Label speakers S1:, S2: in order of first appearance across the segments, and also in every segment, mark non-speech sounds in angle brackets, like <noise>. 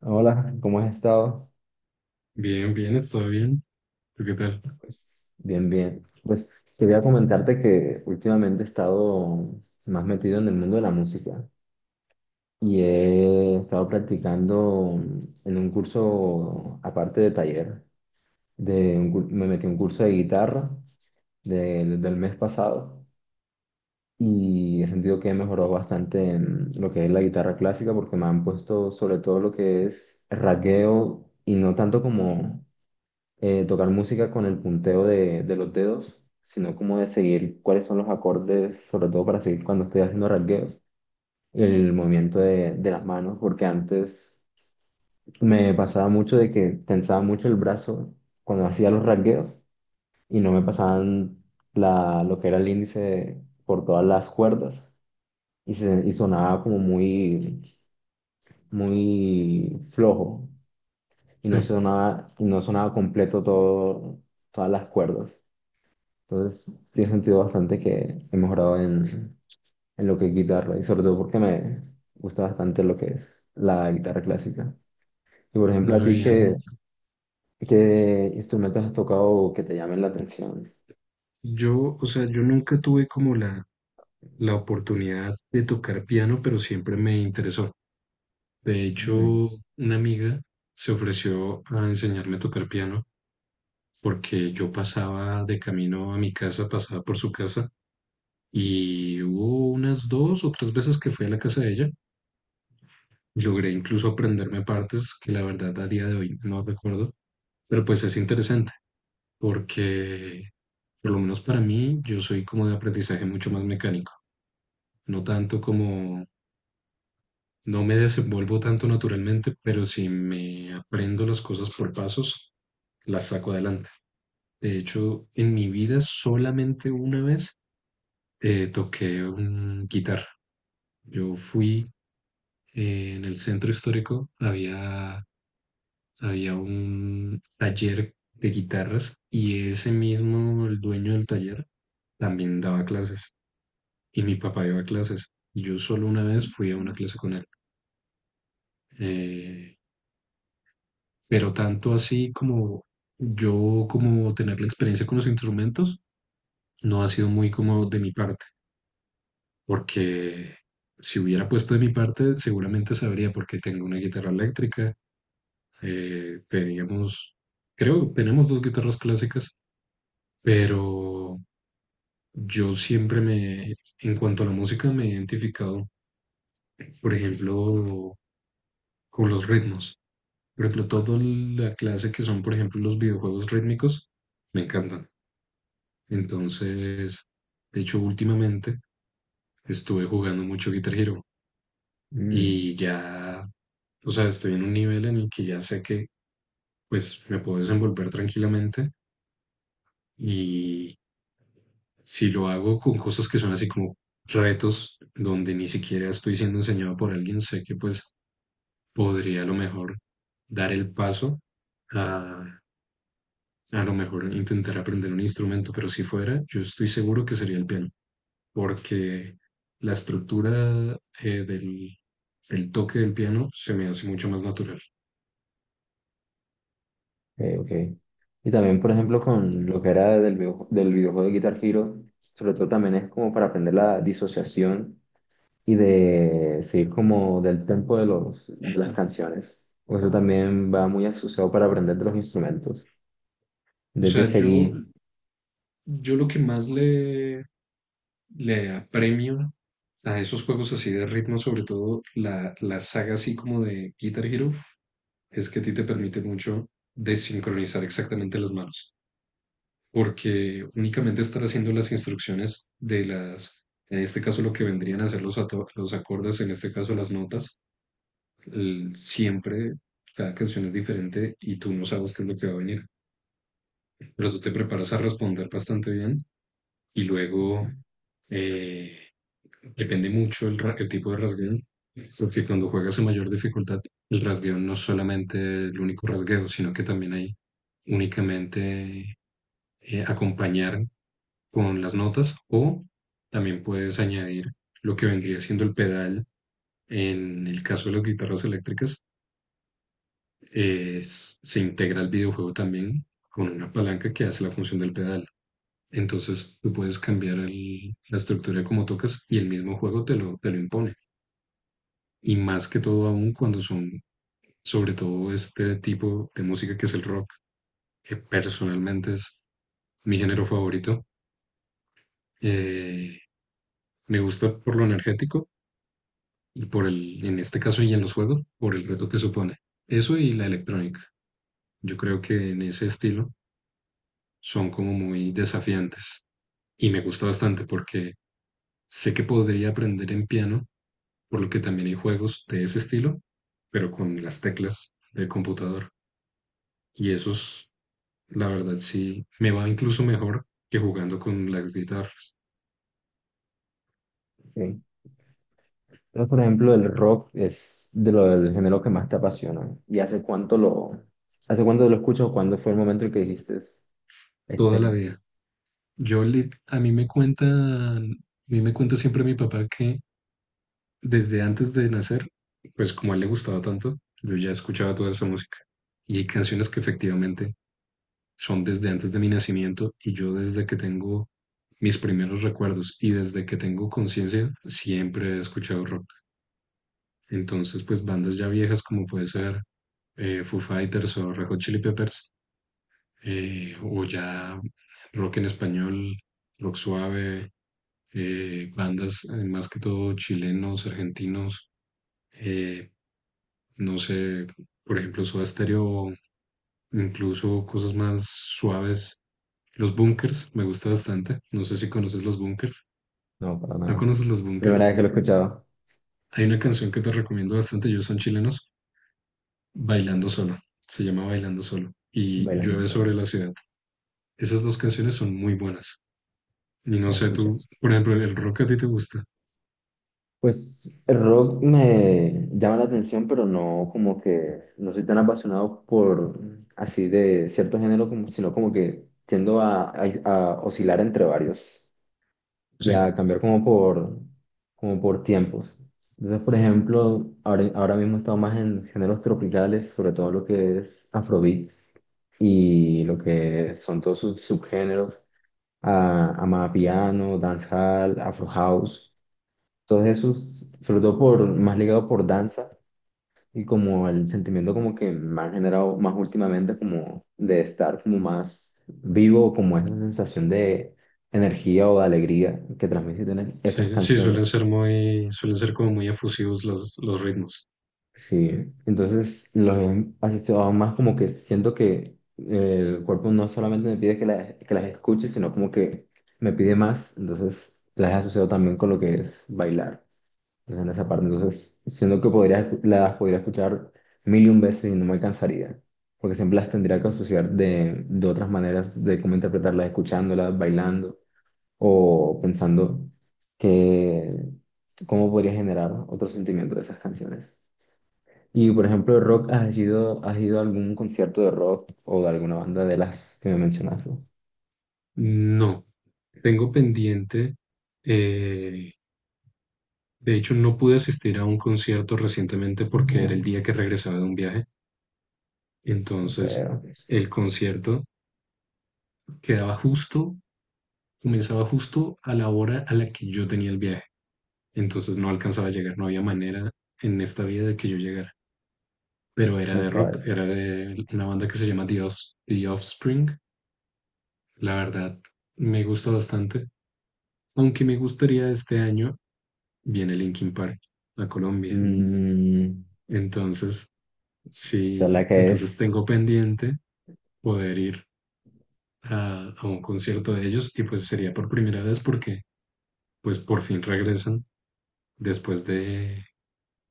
S1: Hola, ¿cómo has estado?
S2: Bien, bien, todo bien. ¿Tú qué tal?
S1: Pues bien, bien. Pues quería comentarte que últimamente he estado más metido en el mundo de la música y he estado practicando en un curso, aparte de taller, me metí a un curso de guitarra desde el mes pasado y he sentido que he mejorado bastante en lo que es la guitarra clásica porque me han puesto sobre todo lo que es rasgueo y no tanto como tocar música con el punteo de los dedos, sino como de seguir cuáles son los acordes, sobre todo para seguir cuando estoy haciendo rasgueos, el movimiento de las manos, porque antes me pasaba mucho de que tensaba mucho el brazo cuando hacía los rasgueos y no me pasaban lo que era el índice por todas las cuerdas y y sonaba como muy, muy flojo.
S2: Sí.
S1: Y no sonaba completo todo, todas las cuerdas. Entonces, tiene sentido bastante que he mejorado en lo que es guitarra y sobre todo porque me gusta bastante lo que es la guitarra clásica. Y por ejemplo, a
S2: No,
S1: ti,
S2: bien.
S1: ¿qué instrumentos has tocado que te llamen la atención?
S2: O sea, yo nunca tuve como la oportunidad de tocar piano, pero siempre me interesó. De
S1: Mm.
S2: hecho, una amiga se ofreció a enseñarme a tocar piano porque yo pasaba de camino a mi casa, pasaba por su casa, y hubo unas dos o tres veces que fui a la casa de ella. Logré incluso aprenderme partes que, la verdad, a día de hoy no recuerdo, pero pues es interesante, porque por lo menos para mí yo soy como de aprendizaje mucho más mecánico, no tanto como, no me desenvuelvo tanto naturalmente, pero si me aprendo las cosas por pasos, las saco adelante. De hecho, en mi vida solamente una vez toqué un guitarra. Yo fui, en el centro histórico, había un taller de guitarras, y ese mismo, el dueño del taller, también daba clases, y mi papá iba a clases. Yo solo una vez fui a una clase con él. Eh, pero tanto así como yo, como tener la experiencia con los instrumentos, no ha sido muy como de mi parte, porque si hubiera puesto de mi parte, seguramente sabría, porque tengo una guitarra eléctrica, teníamos, creo, tenemos dos guitarras clásicas, pero yo siempre me, en cuanto a la música, me he identificado, por ejemplo, con los ritmos. Por ejemplo, toda la clase que son, por ejemplo, los videojuegos rítmicos, me encantan. Entonces, de hecho, últimamente estuve jugando mucho Guitar Hero,
S1: Mm.
S2: y ya, o sea, estoy en un nivel en el que ya sé que pues me puedo desenvolver tranquilamente, y si lo hago con cosas que son así como retos donde ni siquiera estoy siendo enseñado por alguien, sé que pues podría a lo mejor dar el paso a A lo mejor, intentar aprender un instrumento. Pero si fuera, yo estoy seguro que sería el piano, porque la estructura eh, del, el toque del piano se me hace mucho más natural.
S1: Ok, ok. Y también, por ejemplo, con lo que era del videojuego de Guitar Hero, sobre todo también es como para aprender la disociación y de seguir como del tempo de las canciones. O eso también va muy asociado para aprender de los instrumentos.
S2: O
S1: Desde
S2: sea, yo,
S1: seguir.
S2: yo lo que más le apremio a esos juegos así de ritmo, sobre todo la saga así como de Guitar Hero, es que a ti te permite mucho desincronizar exactamente las manos, porque únicamente estar haciendo las instrucciones de las, en este caso lo que vendrían a ser los, los acordes, en este caso las notas, siempre cada canción es diferente y tú no sabes qué es lo que va a venir, pero tú te preparas a responder bastante bien. Y luego eh, depende mucho el tipo de rasgueo, porque cuando juegas a mayor dificultad, el rasgueo no es solamente el único rasgueo, sino que también hay únicamente, acompañar con las notas, o también puedes añadir lo que vendría siendo el pedal. En el caso de las guitarras eléctricas, se integra el videojuego también con una palanca que hace la función del pedal. Entonces tú puedes cambiar la estructura como tocas, y el mismo juego te lo impone. Y más que todo, aún cuando son sobre todo este tipo de música que es el rock, que personalmente es mi género favorito. Eh, Me gusta por lo energético, y por el, en este caso y en los juegos, por el reto que supone. Eso y la electrónica. Yo creo que en ese estilo son como muy desafiantes, y me gusta bastante porque sé que podría aprender en piano, por lo que también hay juegos de ese estilo, pero con las teclas del computador. Y esos, la verdad, sí me va incluso mejor que jugando con las guitarras.
S1: ¿Sí? Entonces, por ejemplo, el rock es de lo del género que más te apasiona. ¿Hace cuánto lo escuchas o cuándo fue el momento en que dijiste,
S2: Toda la
S1: este,
S2: vida. Yo, a mí me cuentan, a mí me cuenta siempre mi papá que desde antes de nacer, pues como a él le gustaba tanto, yo ya escuchaba toda esa música. Y hay canciones que efectivamente son desde antes de mi nacimiento, y yo desde que tengo mis primeros recuerdos y desde que tengo conciencia siempre he escuchado rock. Entonces, pues bandas ya viejas como puede ser Foo Fighters o Red Hot Chili Peppers, o ya rock en español, rock suave, bandas, más que todo chilenos, argentinos, eh, no sé, por ejemplo, Soda Stereo, o incluso cosas más suaves. Los Bunkers, me gusta bastante. No sé si conoces los Bunkers.
S1: no, para
S2: ¿No
S1: nada.
S2: conoces los
S1: Primera
S2: Bunkers?
S1: vez que lo he escuchado,
S2: Hay una canción que te recomiendo bastante, ellos son chilenos: Bailando Solo. Se llama Bailando Solo. Y
S1: bailando
S2: Llueve
S1: solo,
S2: sobre la ciudad. Esas dos canciones son muy buenas. Y no
S1: las
S2: sé, tú,
S1: escuchas.
S2: por ejemplo, el rock, a ti te gusta.
S1: Pues el rock me llama la atención, pero no como que no soy tan apasionado por así de cierto género, como, sino como que tiendo a oscilar entre varios, y
S2: Sí,
S1: a cambiar como por, como por tiempos. Entonces, por ejemplo, ahora mismo estamos más en géneros tropicales, sobre todo lo que es Afrobeat y lo que son todos sus subgéneros, amapiano, dancehall, afro house, todos esos, sobre todo por, más ligado por danza y como el sentimiento como que me ha generado más últimamente como de estar como más vivo, como esa sensación de energía o de alegría que transmiten esas
S2: sí, sí, suelen
S1: canciones.
S2: ser muy, suelen ser como muy efusivos los ritmos.
S1: Sí, entonces los he asociado más como que siento que el cuerpo no solamente me pide que las escuche, sino como que me pide más, entonces las he asociado también con lo que es bailar. Entonces, en esa parte, entonces, siento que podría, las podría escuchar mil y un veces y no me cansaría, porque siempre las tendría que asociar de otras maneras de cómo interpretarlas, escuchándolas, bailando o pensando que cómo podría generar otro sentimiento de esas canciones. Y, por ejemplo, rock, ¿has ido a algún concierto de rock o de alguna banda de las que me mencionaste?
S2: No, tengo pendiente. eh, de hecho, no pude asistir a un concierto recientemente porque era el
S1: No,
S2: día que regresaba de un viaje.
S1: qué
S2: Entonces,
S1: feo.
S2: el concierto quedaba justo, comenzaba justo a la hora a la que yo tenía el viaje. Entonces no alcanzaba a llegar, no había manera en esta vida de que yo llegara. Pero era
S1: No
S2: de
S1: estaba
S2: rock,
S1: hecho.
S2: era de una banda que se llama The Offspring. La verdad, me gusta bastante. Aunque me gustaría, este año viene Linkin Park a Colombia.
S1: Mm,
S2: Entonces,
S1: esa es la
S2: sí,
S1: que
S2: entonces
S1: es.
S2: tengo pendiente poder ir a un concierto de ellos, y pues sería por primera vez, porque pues por fin regresan después de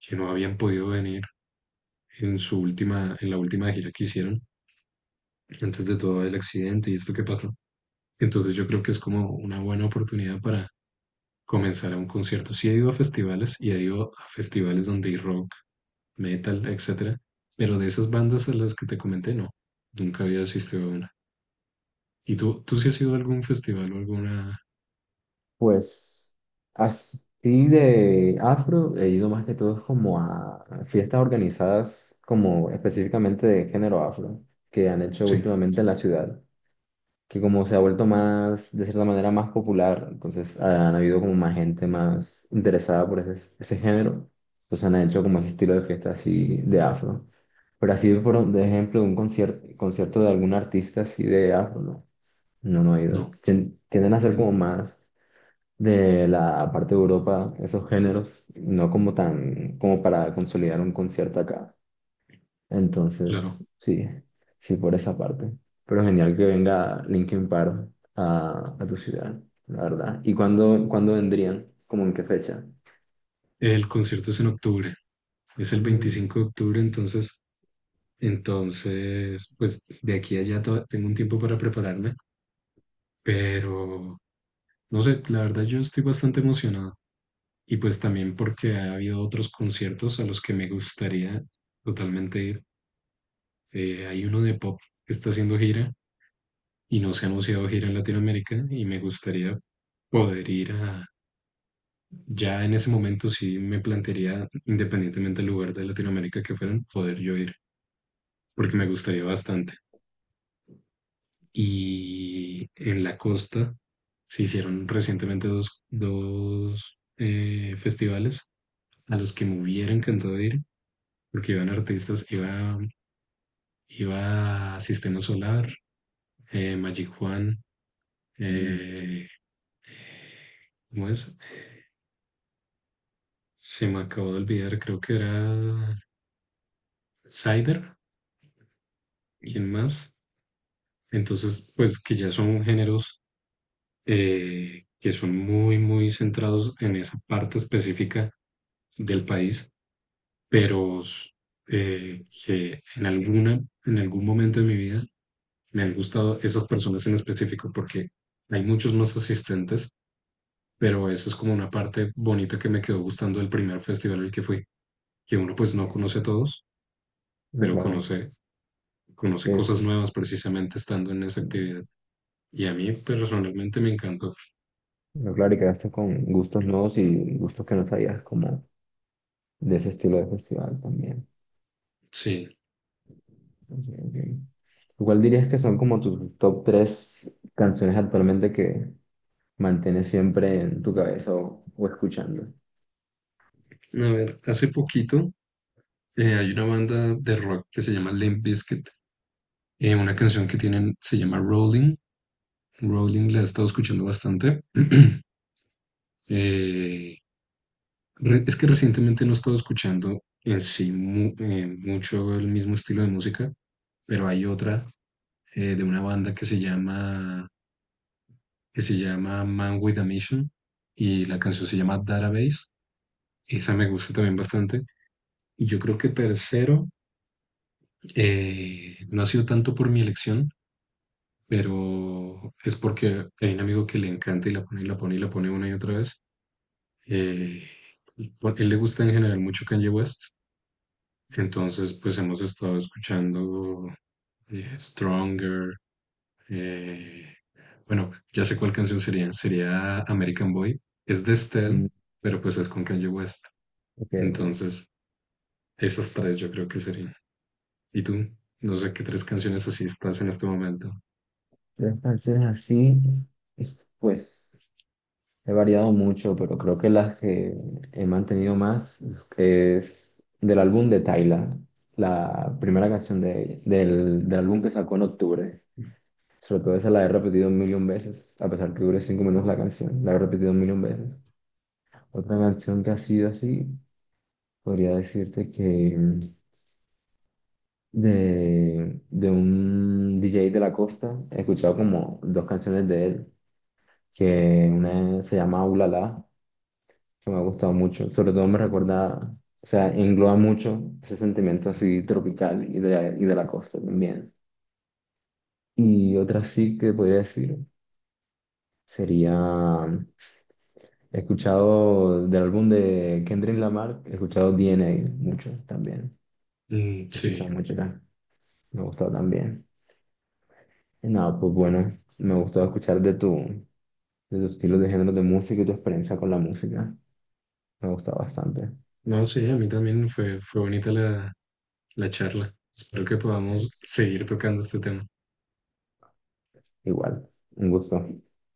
S2: que no habían podido venir en su última, en la última gira que hicieron, antes de todo el accidente y esto que pasó. Entonces yo creo que es como una buena oportunidad para comenzar a un concierto. Sí he ido a festivales, y he ido a festivales donde hay rock, metal, etcétera, pero de esas bandas a las que te comenté, no, nunca había asistido a una. ¿Y tú sí has ido a algún festival o alguna?
S1: Pues así de afro he ido más que todo como a fiestas organizadas como específicamente de género afro que han hecho
S2: Sí.
S1: últimamente en la ciudad, que como se ha vuelto más, de cierta manera, más popular, entonces han habido como más gente más interesada por ese, ese género, entonces han hecho como ese estilo de fiesta así de afro. Pero así, por de ejemplo, un concierto, concierto de algún artista así de afro, no, no, no he ido.
S2: No,
S1: Tienden a ser como
S2: bien.
S1: más de la parte de Europa, esos géneros, no como tan, como para consolidar un concierto acá. Entonces,
S2: Claro.
S1: sí, sí por esa parte. Pero genial que venga Linkin Park a tu ciudad, la verdad. ¿Y cuándo, cuándo vendrían? ¿Cómo en qué fecha?
S2: El concierto es en octubre, es el
S1: Mm.
S2: 25 de octubre, entonces, entonces, pues de aquí a allá tengo un tiempo para prepararme, pero no sé, la verdad yo estoy bastante emocionado. Y pues también porque ha habido otros conciertos a los que me gustaría totalmente ir. Hay uno de pop que está haciendo gira, y no se ha anunciado gira en Latinoamérica, y me gustaría poder ir a, ya en ese momento sí me plantearía, independientemente del lugar de Latinoamérica que fueran, poder yo ir, porque me
S1: eh,
S2: gustaría bastante. Y en la costa se hicieron recientemente dos festivales a los que me hubiera encantado ir, porque iban artistas, iba a Sistema Solar, Magic Juan,
S1: mm,
S2: eh, ¿cómo es? Se me acabó de olvidar, creo que era Cider, ¿quién más? Entonces, pues que ya son géneros, que son muy, muy centrados en esa parte específica del país, pero que en alguna, en algún momento de mi vida me han gustado esas personas en específico, porque hay muchos más asistentes, pero eso es como una parte bonita que me quedó gustando del primer festival al que fui, que uno pues no
S1: Entiendo.
S2: conoce a todos,
S1: No,
S2: pero
S1: claro.
S2: conoce, conoce
S1: que Es,
S2: cosas nuevas precisamente estando en esa actividad. Y a mí personalmente me encantó.
S1: no, claro, y quedaste con gustos nuevos y gustos que no sabías, como de ese estilo de festival también.
S2: Sí,
S1: Ok, ok. ¿Cuál dirías que son como tus top tres canciones actualmente que mantienes siempre en tu cabeza o escuchando?
S2: a ver, hace poquito, hay una banda de rock que se llama Limp Bizkit, una canción que tienen se llama Rolling. Rolling la he estado escuchando bastante. <clears throat> Eh, es que recientemente no he estado escuchando en sí mucho el mismo estilo de música, pero hay otra, de una banda que se llama Man with a Mission, y la canción se llama Database. Esa me gusta también bastante. Y yo creo que tercero, no ha sido tanto por mi elección, pero es porque hay un amigo que le encanta y la pone y la pone y la pone una y otra vez. Eh, Porque a él le gusta en general mucho Kanye West. Entonces, pues hemos estado escuchando, Stronger. Eh, bueno, ya sé cuál canción sería. Sería American Boy. Es de Estelle,
S1: Mm,
S2: pero pues es con Kanye West.
S1: ok, ok.
S2: Entonces, esas tres yo creo que serían. ¿Y tú? No sé qué tres canciones así estás en este momento.
S1: Tres canciones así, pues he variado mucho, pero creo que las que he mantenido más es del álbum de Tyla, la primera canción del álbum que sacó en octubre. Sobre todo esa la he repetido un millón veces, a pesar que dure 5 minutos la canción, la he repetido un millón veces. Otra canción que ha sido así. Podría decirte que de un DJ de la costa he escuchado como dos canciones de él, que una se llama Ulala, que me ha gustado mucho. Sobre todo me recuerda, o sea, engloba mucho ese sentimiento así tropical y de la costa también. Y otra sí que podría decir sería, he escuchado del álbum de Kendrick Lamar, he escuchado DNA mucho también.
S2: Mm,
S1: He
S2: sí.
S1: escuchado mucho acá, me ha gustado también. Nada, pues bueno, me gustó escuchar de tus estilos de género de música y tu experiencia con la música. Me gusta bastante.
S2: No, sí, a mí también fue bonita la charla. Espero que podamos
S1: Yes.
S2: seguir tocando este tema.
S1: Igual, un gusto.